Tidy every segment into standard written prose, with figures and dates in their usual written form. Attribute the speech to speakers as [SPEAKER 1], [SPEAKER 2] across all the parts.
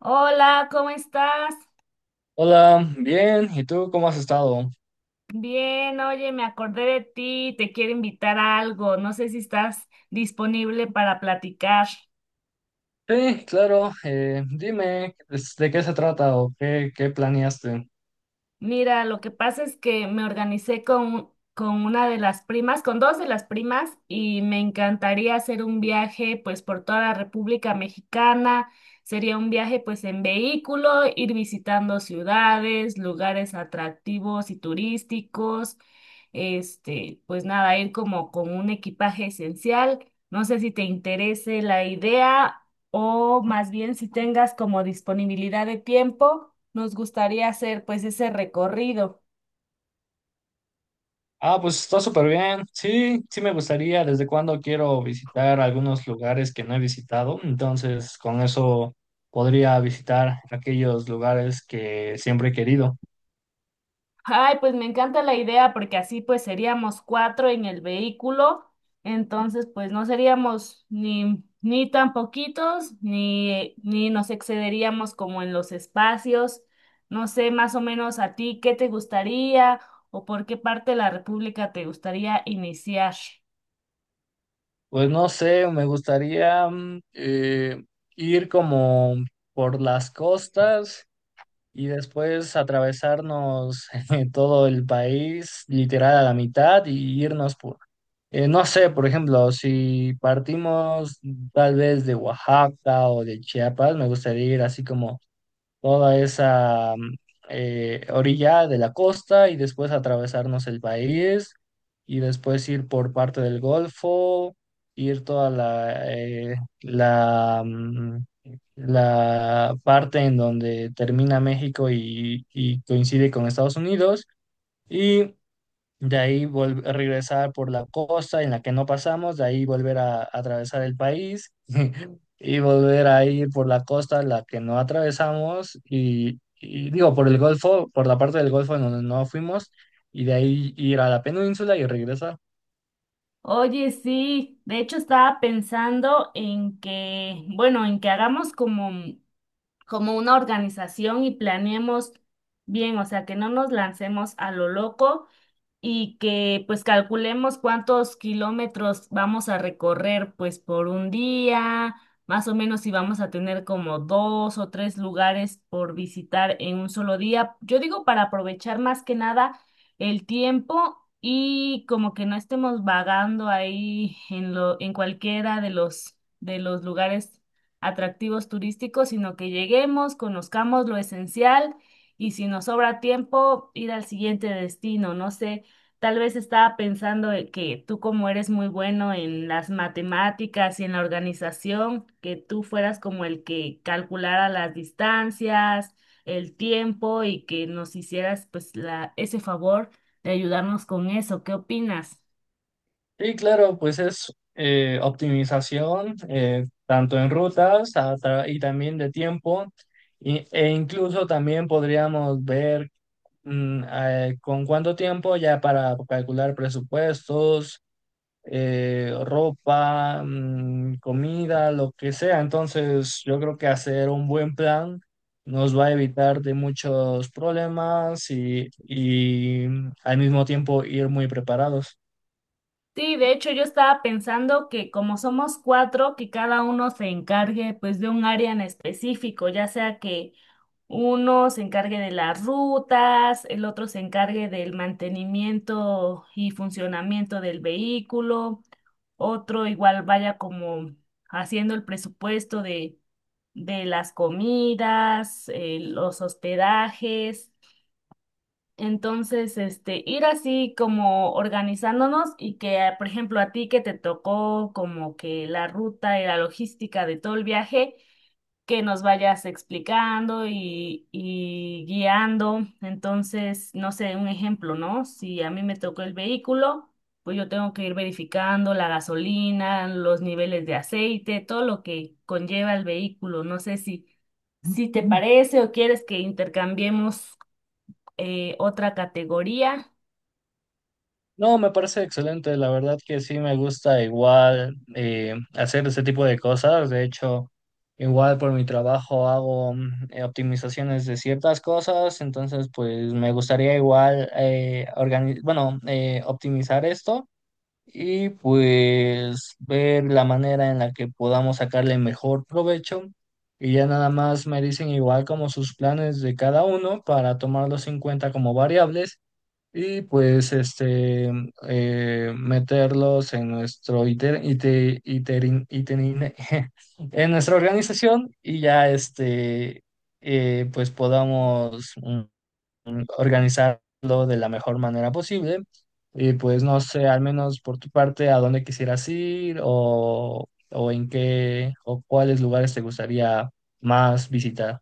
[SPEAKER 1] Hola, ¿cómo estás?
[SPEAKER 2] Hola, bien, ¿y tú cómo has estado?
[SPEAKER 1] Bien, oye, me acordé de ti, te quiero invitar a algo, no sé si estás disponible para platicar.
[SPEAKER 2] Sí, claro, dime pues, de qué se trata o qué planeaste.
[SPEAKER 1] Mira, lo que pasa es que me organicé con una de las primas, con dos de las primas, y me encantaría hacer un viaje pues por toda la República Mexicana. Sería un viaje pues en vehículo, ir visitando ciudades, lugares atractivos y turísticos. Este, pues nada, ir como con un equipaje esencial. No sé si te interese la idea o más bien si tengas como disponibilidad de tiempo, nos gustaría hacer pues ese recorrido.
[SPEAKER 2] Ah, pues está súper bien, sí, sí me gustaría, desde cuándo quiero visitar algunos lugares que no he visitado, entonces con eso podría visitar aquellos lugares que siempre he querido.
[SPEAKER 1] Ay, pues me encanta la idea porque así pues seríamos cuatro en el vehículo, entonces pues no seríamos ni tan poquitos ni nos excederíamos como en los espacios. No sé, más o menos a ti, ¿qué te gustaría o por qué parte de la República te gustaría iniciar?
[SPEAKER 2] Pues no sé, me gustaría ir como por las costas. Y después atravesarnos todo el país, literal a la mitad, y irnos no sé, por ejemplo, si partimos tal vez de Oaxaca o de Chiapas, me gustaría ir así como toda esa orilla de la costa y después atravesarnos el país y después ir por parte del Golfo, ir toda la parte en donde termina México y coincide con Estados Unidos. Y de ahí regresar por la costa en la que no pasamos, de ahí volver a atravesar el país y volver a ir por la costa en la que no atravesamos y digo, por el Golfo, por la parte del Golfo en donde no fuimos y de ahí ir a la península y regresar.
[SPEAKER 1] Oye, sí, de hecho estaba pensando en que, bueno, en que hagamos como una organización y planeemos bien, o sea, que no nos lancemos a lo loco, y que pues calculemos cuántos kilómetros vamos a recorrer pues por un día, más o menos si vamos a tener como dos o tres lugares por visitar en un solo día. Yo digo para aprovechar más que nada el tiempo y como que no estemos vagando ahí en cualquiera de los lugares atractivos turísticos, sino que lleguemos, conozcamos lo esencial y si nos sobra tiempo, ir al siguiente destino. No sé, tal vez estaba pensando en que tú como eres muy bueno en las matemáticas y en la organización, que tú fueras como el que calculara las distancias, el tiempo y que nos hicieras pues ese favor de ayudarnos con eso. ¿Qué opinas?
[SPEAKER 2] Y claro, pues es optimización tanto en rutas y también de tiempo. E incluso también podríamos ver ¿con cuánto tiempo ya para calcular presupuestos, ropa, comida, lo que sea? Entonces, yo creo que hacer un buen plan nos va a evitar de muchos problemas y al mismo tiempo ir muy preparados.
[SPEAKER 1] Sí, de hecho yo estaba pensando que como somos cuatro, que cada uno se encargue pues de un área en específico, ya sea que uno se encargue de las rutas, el otro se encargue del mantenimiento y funcionamiento del vehículo, otro igual vaya como haciendo el presupuesto de las comidas, los hospedajes. Entonces, este, ir así como organizándonos y que, ah, por ejemplo, a ti que te tocó como que la ruta y la logística de todo el viaje, que nos vayas explicando y guiando. Entonces, no sé, un ejemplo, ¿no? Si a mí me tocó el vehículo, pues yo tengo que ir verificando la gasolina, los niveles de aceite, todo lo que conlleva el vehículo. No sé si te, Ujú, parece, o quieres que intercambiemos otra categoría.
[SPEAKER 2] No, me parece excelente, la verdad que sí me gusta igual hacer ese tipo de cosas, de hecho, igual por mi trabajo hago optimizaciones de ciertas cosas, entonces pues me gustaría igual optimizar esto y pues ver la manera en la que podamos sacarle mejor provecho y ya nada más me dicen igual como sus planes de cada uno para tomarlos en cuenta como variables y pues este meterlos en nuestro en nuestra organización y ya este pues podamos organizarlo de la mejor manera posible y pues no sé al menos por tu parte a dónde quisieras ir o en qué o cuáles lugares te gustaría más visitar.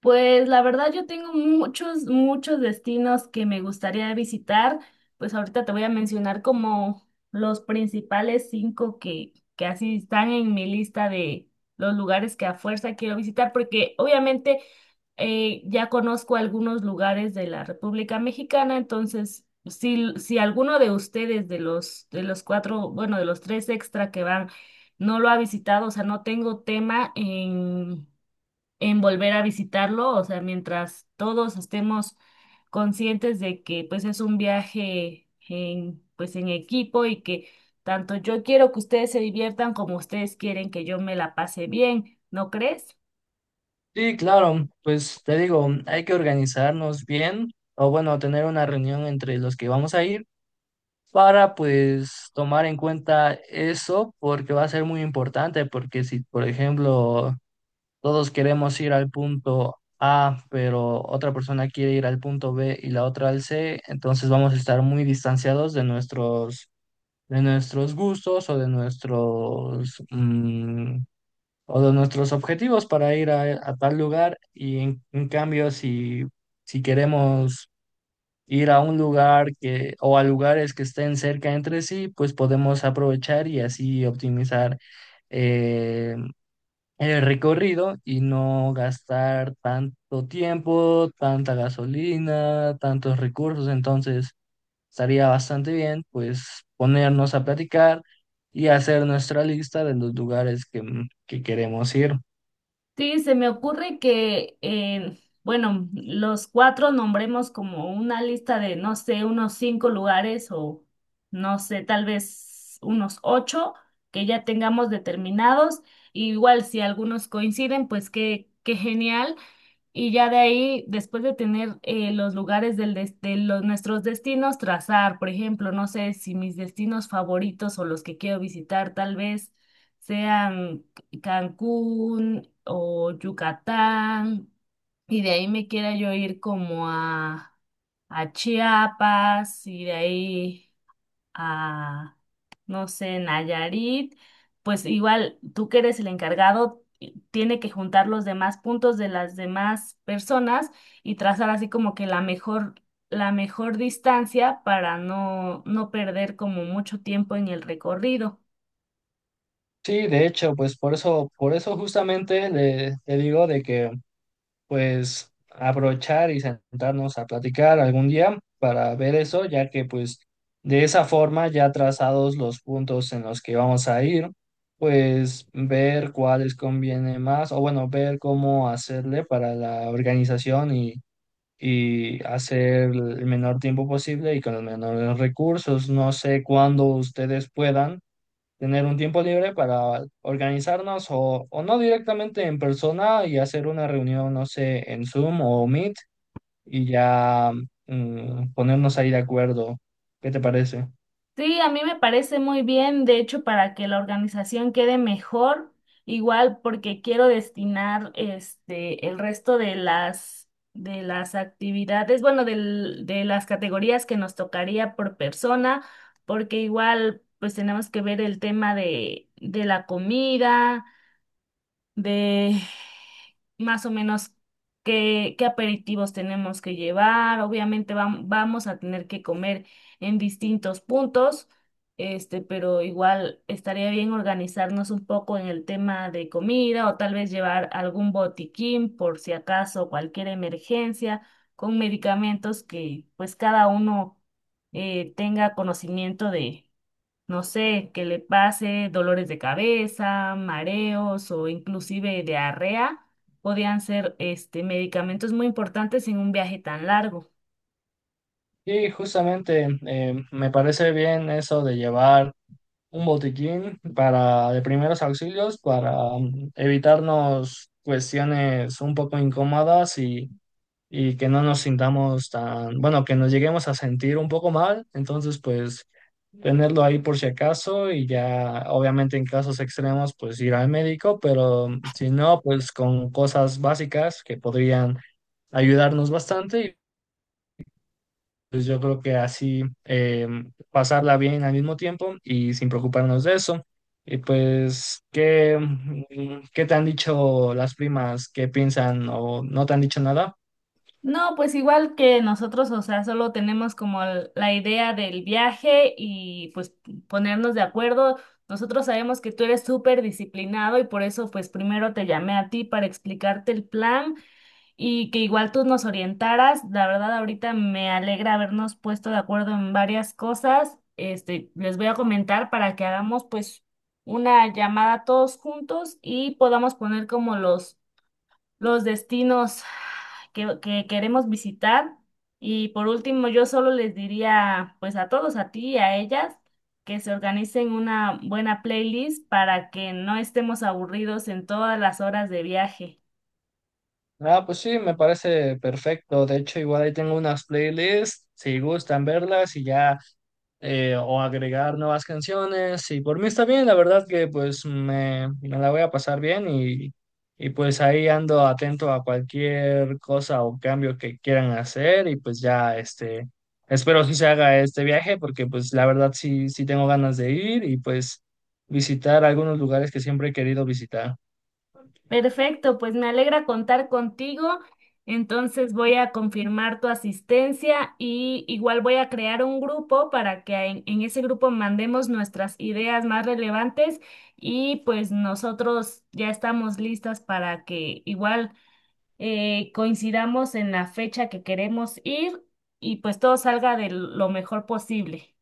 [SPEAKER 1] Pues la verdad yo tengo muchos destinos que me gustaría visitar. Pues ahorita te voy a mencionar como los principales cinco que así están en mi lista de los lugares que a fuerza quiero visitar, porque obviamente ya conozco algunos lugares de la República Mexicana, entonces si, si alguno de ustedes, de los cuatro, bueno, de los tres extra que van, no lo ha visitado, o sea, no tengo tema en volver a visitarlo, o sea, mientras todos estemos conscientes de que pues es un viaje en pues en equipo y que tanto yo quiero que ustedes se diviertan como ustedes quieren que yo me la pase bien, ¿no crees?
[SPEAKER 2] Sí, claro, pues te digo, hay que organizarnos bien o bueno, tener una reunión entre los que vamos a ir para pues tomar en cuenta eso porque va a ser muy importante porque si, por ejemplo, todos queremos ir al punto A, pero otra persona quiere ir al punto B y la otra al C, entonces vamos a estar muy distanciados de nuestros gustos o de nuestros o de nuestros objetivos para ir a tal lugar y en cambio si, si queremos ir a un lugar que o a lugares que estén cerca entre sí, pues podemos aprovechar y así optimizar eh, el recorrido y no gastar tanto tiempo, tanta gasolina, tantos recursos. Entonces, estaría bastante bien, pues, ponernos a platicar y hacer nuestra lista de los lugares que queremos ir.
[SPEAKER 1] Sí, se me ocurre que, bueno, los cuatro nombremos como una lista de, no sé, unos cinco lugares o, no sé, tal vez unos ocho que ya tengamos determinados. Y igual si algunos coinciden, pues qué, qué genial. Y ya de ahí, después de tener los lugares de los, nuestros destinos, trazar, por ejemplo, no sé si mis destinos favoritos o los que quiero visitar tal vez sean Cancún o Yucatán, y de ahí me quiera yo ir como a Chiapas, y de ahí a, no sé, Nayarit, pues igual tú que eres el encargado, tiene que juntar los demás puntos de las demás personas y trazar así como que la mejor distancia para no, no perder como mucho tiempo en el recorrido.
[SPEAKER 2] Sí, de hecho, pues por eso justamente le digo de que pues aprovechar y sentarnos a platicar algún día para ver eso, ya que pues de esa forma ya trazados los puntos en los que vamos a ir, pues ver cuáles conviene más o bueno, ver cómo hacerle para la organización y hacer el menor tiempo posible y con los menores recursos. No sé cuándo ustedes puedan tener un tiempo libre para organizarnos o no directamente en persona y hacer una reunión, no sé, en Zoom o Meet y ya ponernos ahí de acuerdo. ¿Qué te parece?
[SPEAKER 1] Sí, a mí me parece muy bien, de hecho, para que la organización quede mejor, igual porque quiero destinar este el resto de las actividades, bueno, de las categorías que nos tocaría por persona, porque igual pues tenemos que ver el tema de la comida, de más o menos qué, qué aperitivos tenemos que llevar. Obviamente vamos a tener que comer en distintos puntos, este, pero igual estaría bien organizarnos un poco en el tema de comida o tal vez llevar algún botiquín por si acaso cualquier emergencia con medicamentos que pues cada uno tenga conocimiento, no sé, que le pase dolores de cabeza, mareos o inclusive diarrea, podían ser este, medicamentos muy importantes en un viaje tan largo.
[SPEAKER 2] Y justamente me parece bien eso de llevar un botiquín para de primeros auxilios para evitarnos cuestiones un poco incómodas y que no nos sintamos tan, bueno, que nos lleguemos a sentir un poco mal, entonces pues tenerlo ahí por si acaso y ya obviamente en casos extremos pues ir al médico, pero si no pues con cosas básicas que podrían ayudarnos bastante y pues yo creo que así pasarla bien al mismo tiempo y sin preocuparnos de eso. Y pues, ¿ qué te han dicho las primas? ¿Qué piensan o no te han dicho nada?
[SPEAKER 1] No, pues igual que nosotros, o sea, solo tenemos como la idea del viaje y pues ponernos de acuerdo. Nosotros sabemos que tú eres súper disciplinado y por eso pues primero te llamé a ti para explicarte el plan y que igual tú nos orientaras. La verdad, ahorita me alegra habernos puesto de acuerdo en varias cosas. Este, les voy a comentar para que hagamos pues una llamada todos juntos y podamos poner como los destinos que queremos visitar. Y por último, yo solo les diría pues a todos, a ti y a ellas, que se organicen una buena playlist para que no estemos aburridos en todas las horas de viaje.
[SPEAKER 2] Ah, pues sí, me parece perfecto. De hecho, igual ahí tengo unas playlists, si gustan verlas y ya, o agregar nuevas canciones. Y por mí está bien, la verdad que pues me la voy a pasar bien y pues ahí ando atento a cualquier cosa o cambio que quieran hacer y pues ya, este, espero que se haga este viaje porque pues la verdad sí, sí tengo ganas de ir y pues visitar algunos lugares que siempre he querido visitar.
[SPEAKER 1] Perfecto, pues me alegra contar contigo. Entonces voy a confirmar tu asistencia y igual voy a crear un grupo para que en ese grupo mandemos nuestras ideas más relevantes y pues nosotros ya estamos listas para que igual coincidamos en la fecha que queremos ir y pues todo salga de lo mejor posible.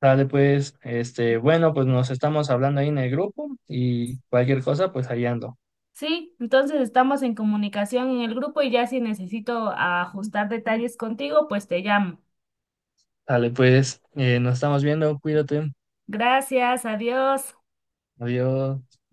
[SPEAKER 2] Dale, pues, este, bueno, pues nos estamos hablando ahí en el grupo y cualquier cosa, pues ahí ando.
[SPEAKER 1] Sí, entonces estamos en comunicación en el grupo y ya si necesito ajustar detalles contigo, pues te llamo.
[SPEAKER 2] Dale, pues, nos estamos viendo, cuídate,
[SPEAKER 1] Gracias, adiós.
[SPEAKER 2] adiós.